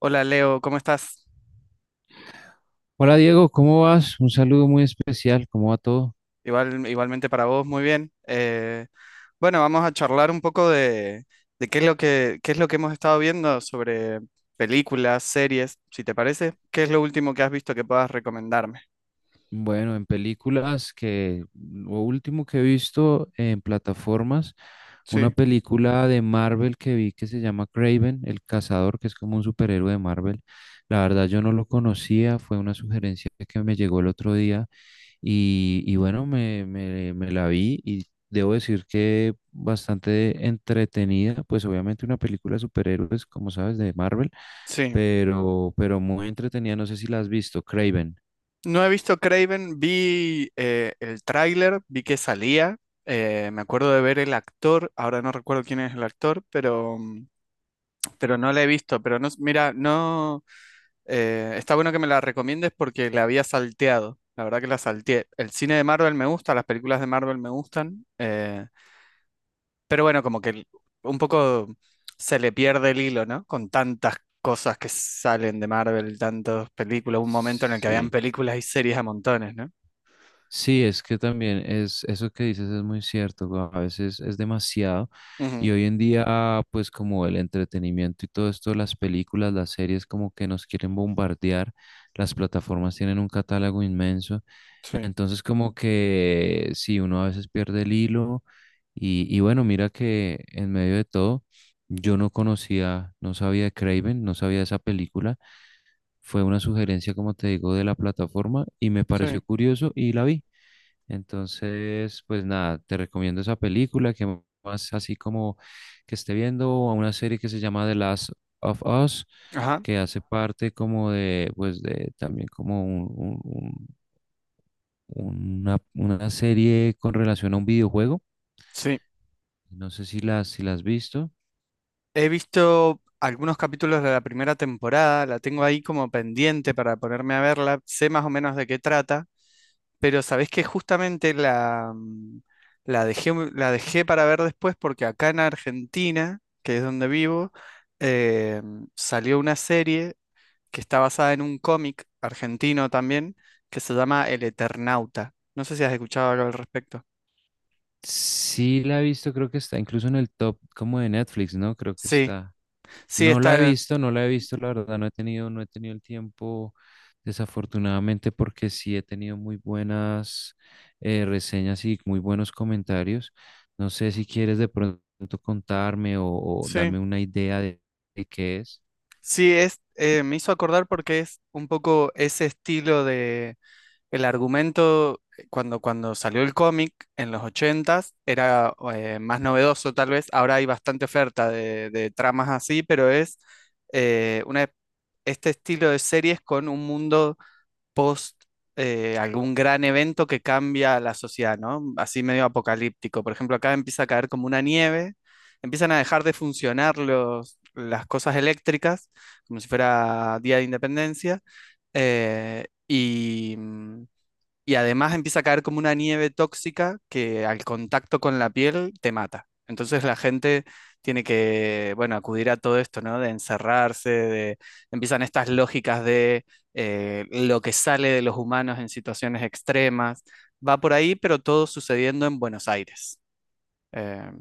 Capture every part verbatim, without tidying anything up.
Hola Leo, ¿cómo estás? Hola Diego, ¿cómo vas? Un saludo muy especial, ¿cómo va todo? Igual, igualmente para vos, muy bien. Eh, bueno, vamos a charlar un poco de, de qué es lo que, qué es lo que hemos estado viendo sobre películas, series, si te parece. ¿Qué es lo último que has visto que puedas recomendarme? Bueno, en películas que lo último que he visto en plataformas, una Sí, película de Marvel que vi que se llama Craven, el cazador, que es como un superhéroe de Marvel. La verdad yo no lo conocía, fue una sugerencia que me llegó el otro día. Y, y bueno, me, me, me la vi y debo decir que bastante entretenida, pues obviamente una película de superhéroes, como sabes, de Marvel, sí. pero, pero muy entretenida, no sé si la has visto, Craven. No he visto Craven, vi eh, el tráiler, vi que salía. Eh, me acuerdo de ver el actor, ahora no recuerdo quién es el actor, pero, mm, pero no la he visto. Pero no, s- mira, no. Eh, está bueno que me la recomiendes porque la había salteado. La verdad que la salteé. El cine de Marvel me gusta, las películas de Marvel me gustan. Eh, pero bueno, como que el- un poco se le pierde el hilo, ¿no? Con tantas cosas que salen de Marvel, tantas películas. Un momento en el que habían Sí, películas y series a montones, ¿no? sí, es que también es eso que dices, es muy cierto, güey, a veces es demasiado, y Ujú. hoy en día pues como el entretenimiento y todo esto, las películas, las series, como que nos quieren bombardear, las plataformas tienen un catálogo inmenso. Sí, Entonces como que sí, uno a veces pierde el hilo. Y, y bueno, mira que en medio de todo yo no conocía, no sabía de Craven, no sabía de esa película. Fue una sugerencia, como te digo, de la plataforma y me sí. pareció curioso y la vi. Entonces, pues nada, te recomiendo esa película. Que más así como que esté viendo, o una serie que se llama The Last of Us, Ajá, que hace parte como de, pues de también como una, una serie con relación a un videojuego. sí. No sé si la, si la has visto. He visto algunos capítulos de la primera temporada, la tengo ahí como pendiente para ponerme a verla. Sé más o menos de qué trata. Pero sabés que justamente la, mm, la dejé, mu- la dejé para ver después porque acá en Argentina, que es donde vivo, eh, salió una serie que está basada en un cómic argentino también, que se llama El Eternauta. No sé si has escuchado algo al respecto. Sí la he visto, creo que está incluso en el top como de Netflix, ¿no? Creo que Sí, está. sí, No la he está. visto, no la he visto, la verdad, no he tenido, no he tenido el tiempo, desafortunadamente, porque sí he tenido muy buenas, eh, reseñas y muy buenos comentarios. No sé si quieres de pronto contarme o, o Sí, darme una idea de, de qué es. sí, es, eh, me hizo acordar porque es un poco ese estilo de... El argumento, eh, cuando, cuando salió el cómic en los ochentas era eh, más novedoso tal vez. Ahora hay bastante oferta de, de tramas así, pero es eh, una, este estilo de series con un mundo post eh, algún gran evento que cambia la sociedad, ¿no? Así medio apocalíptico. Por ejemplo, acá empieza a caer como una nieve, empiezan a dejar de funcionar los, las cosas eléctricas, como si fuera Día de Independencia. eh, y, mm, y además empieza a caer como una nieve tóxica que al contacto con la piel te mata. Entonces la gente tiene que, bueno, acudir a todo esto, ¿no? De encerrarse, de... empiezan estas lógicas de eh, lo que sale de los humanos en situaciones extremas. Va por ahí, pero todo sucediendo en Buenos Aires. Eh,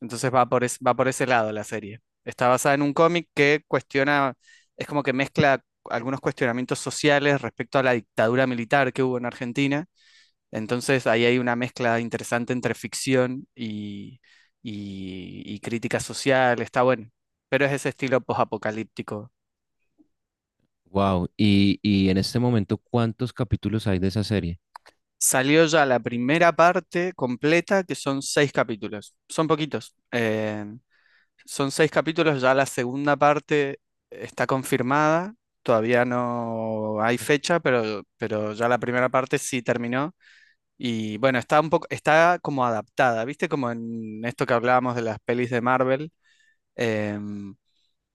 entonces va por, es- va por ese lado la serie. Está basada en un cómic que cuestiona, es como que mezcla algunos cuestionamientos sociales respecto a la dictadura militar que hubo en Argentina, entonces ahí hay una mezcla interesante entre ficción y, y- y crítica social, está bueno, pero es ese estilo posapocalíptico. Wow, y, y en este momento, ¿cuántos capítulos hay de esa serie? Salió ya la primera parte completa, que son seis capítulos, son poquitos, eh, son seis capítulos, ya la segunda parte está confirmada, todavía no hay fecha, pero, pero ya la primera parte sí terminó. Y bueno, está un poco, está como adaptada, ¿viste? Como en esto que hablábamos de las pelis de Marvel, em,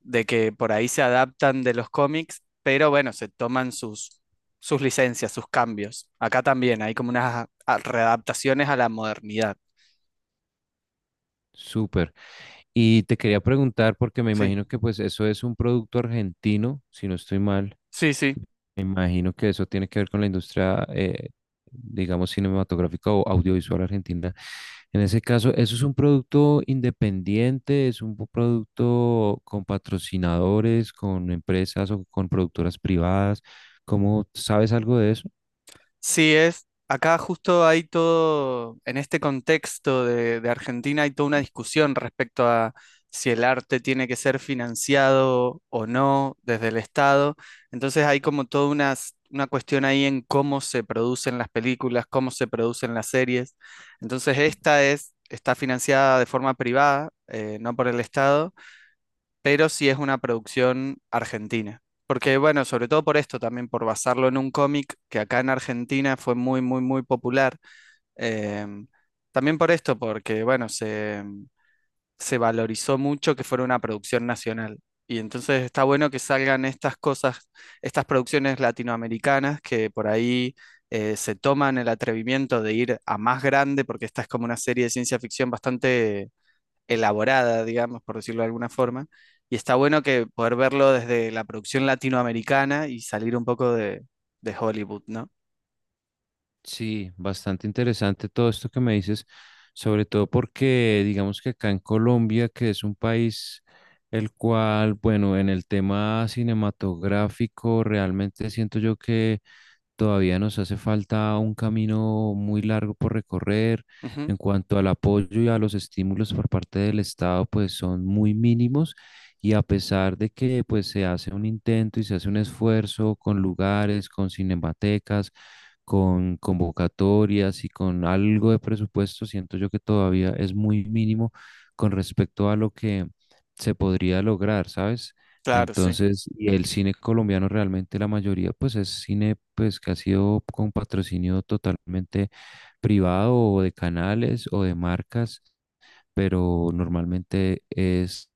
de que por ahí se adaptan de los cómics, pero bueno, se toman sus, sus licencias, sus cambios. Acá también hay como unas a- readaptaciones a la modernidad. Súper. Y te quería preguntar, porque me Sí, imagino que pues eso es un producto argentino, si no estoy mal. sí, sí. Me imagino que eso tiene que ver con la industria, eh, digamos, cinematográfica o audiovisual argentina. En ese caso, ¿eso es un producto independiente? ¿Es un producto con patrocinadores, con empresas o con productoras privadas? ¿Cómo sabes algo de eso? Sí, es, acá justo hay todo, en este contexto de, de Argentina hay toda una discusión respecto a si el arte tiene que ser financiado o no desde el Estado. Entonces hay como toda una, s- una cuestión ahí en cómo se producen las películas, cómo se producen las series. Entonces esta es, está financiada de forma privada, eh, no por el Estado, pero sí es una producción argentina. Porque, bueno, sobre todo por esto, también por basarlo en un cómic que acá en Argentina fue muy, muy, muy popular. Em, también por esto, porque, bueno, se, se valorizó mucho que fuera una producción nacional. Y entonces está bueno que salgan estas cosas, estas producciones latinoamericanas que por ahí eh, se toman el atrevimiento de ir a más grande, porque esta es como una serie de ciencia ficción bastante elaborada, digamos, por decirlo de alguna forma. Y está bueno que poder verlo desde la producción latinoamericana y salir un poco de, de Hollywood, ¿no? Sí, bastante interesante todo esto que me dices, sobre todo porque digamos que acá en Colombia, que es un país el cual, bueno, en el tema cinematográfico realmente siento yo que todavía nos hace falta un camino muy largo por recorrer. Ujú. En cuanto al apoyo y a los estímulos por parte del Estado, pues son muy mínimos, y a pesar de que pues se hace un intento y se hace un esfuerzo con lugares, con cinematecas, con convocatorias y con algo de presupuesto, siento yo que todavía es muy mínimo con respecto a lo que se podría lograr, ¿sabes? Claro, sí. Entonces, y el cine colombiano realmente la mayoría, pues es cine pues que ha sido con patrocinio totalmente privado o de canales o de marcas, pero normalmente es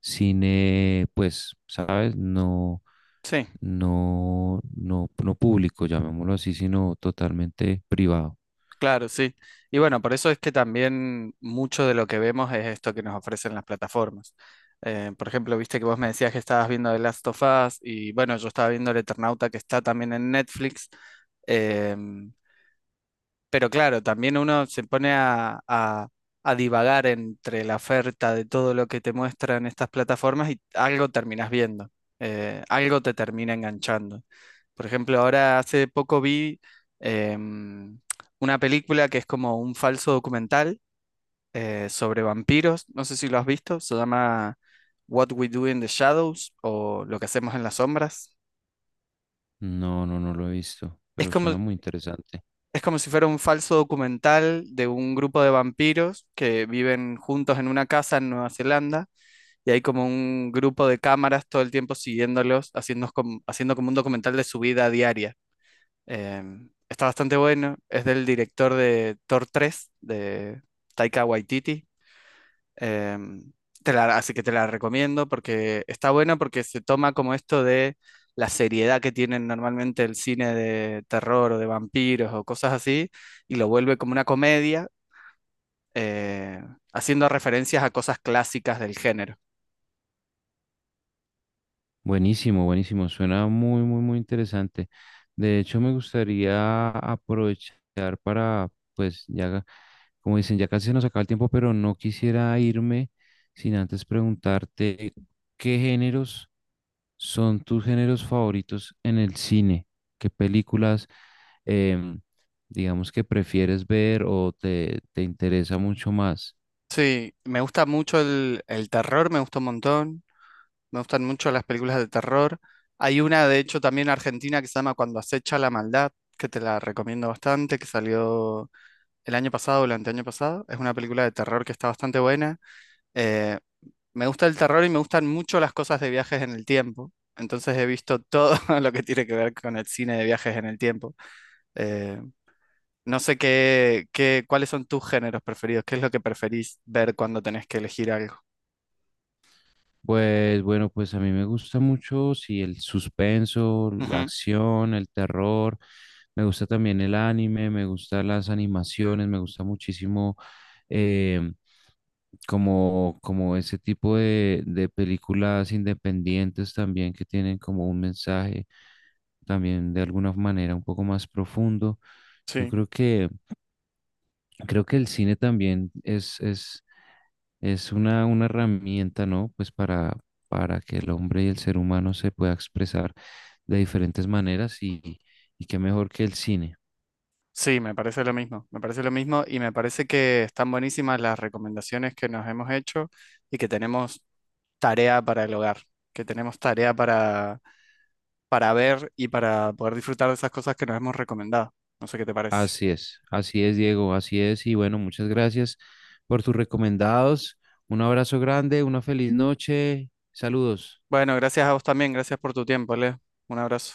cine, pues, ¿sabes? No, Sí, no, no, no público, llamémoslo así, sino totalmente privado. claro, sí. Y bueno, por eso es que también mucho de lo que vemos es esto que nos ofrecen las plataformas. Eh, por ejemplo, viste que vos me decías que estabas viendo The Last of Us y bueno, yo estaba viendo El Eternauta que está también en Netflix. Em, pero claro, también uno se pone a, a- a divagar entre la oferta de todo lo que te muestran estas plataformas y algo terminas viendo, eh, algo te termina enganchando. Por ejemplo, ahora hace poco vi em, una película que es como un falso documental eh, sobre vampiros, no sé si lo has visto, se llama What We Do in the Shadows o Lo que hacemos en las sombras. No, no, no lo he visto, Es pero suena como... muy interesante. es como si fuera un falso documental de un grupo de vampiros que viven juntos en una casa en Nueva Zelanda y hay como un grupo de cámaras todo el tiempo siguiéndolos, haciendo como, haciendo como un documental de su vida diaria. Em, está bastante bueno, es del director de Thor tres, de Taika Waititi. Em, te la- Así que te la recomiendo porque está buena porque se toma como esto de la seriedad que tienen normalmente el cine de terror o de vampiros o cosas así y lo vuelve como una comedia, eh, haciendo referencias a cosas clásicas del género. Buenísimo, buenísimo. Suena muy, muy, muy interesante. De hecho, me gustaría aprovechar para, pues, ya, como dicen, ya casi se nos acaba el tiempo, pero no quisiera irme sin antes preguntarte qué géneros son tus géneros favoritos en el cine, qué películas, em, digamos, que prefieres ver o te, te interesa mucho más. Sí, me gusta mucho el, el terror, me gusta un montón, me gustan mucho las películas de terror. Hay una, de hecho, también argentina que se llama Cuando acecha la maldad, que te la recomiendo bastante, que salió el año pasado o el anteaño pasado. Es una película de terror que está bastante buena. Eh, Me gusta el terror y me gustan mucho las cosas de viajes en el tiempo. Entonces he visto todo lo que tiene que ver con el cine de viajes en el tiempo. Eh, no sé qué, qué, cuáles son tus géneros preferidos, qué es lo que preferís ver cuando tenés que elegir algo. Pues bueno, pues a mí me gusta mucho, sí, el suspenso, la Ujú. acción, el terror, me gusta también el anime, me gustan las animaciones, me gusta muchísimo, eh, como, como ese tipo de, de películas independientes también que tienen como un mensaje también de alguna manera un poco más profundo. Yo Sí, creo que, creo que el cine también es es es una, una herramienta, ¿no? Pues para, para que el hombre y el ser humano se pueda expresar de diferentes maneras y, y qué mejor que el cine. sí, me parece lo mismo, me parece lo mismo y me parece que están buenísimas las recomendaciones que nos hemos hecho y que tenemos tarea para el hogar, que tenemos tarea para para ver y para poder disfrutar de esas cosas que nos hemos recomendado. No sé qué te parece. Así es, así es, Diego, así es. Y bueno, muchas gracias por tus recomendados. Un abrazo grande, una feliz noche. Saludos. Bueno, gracias a vos también, gracias por tu tiempo, Leo. Un abrazo.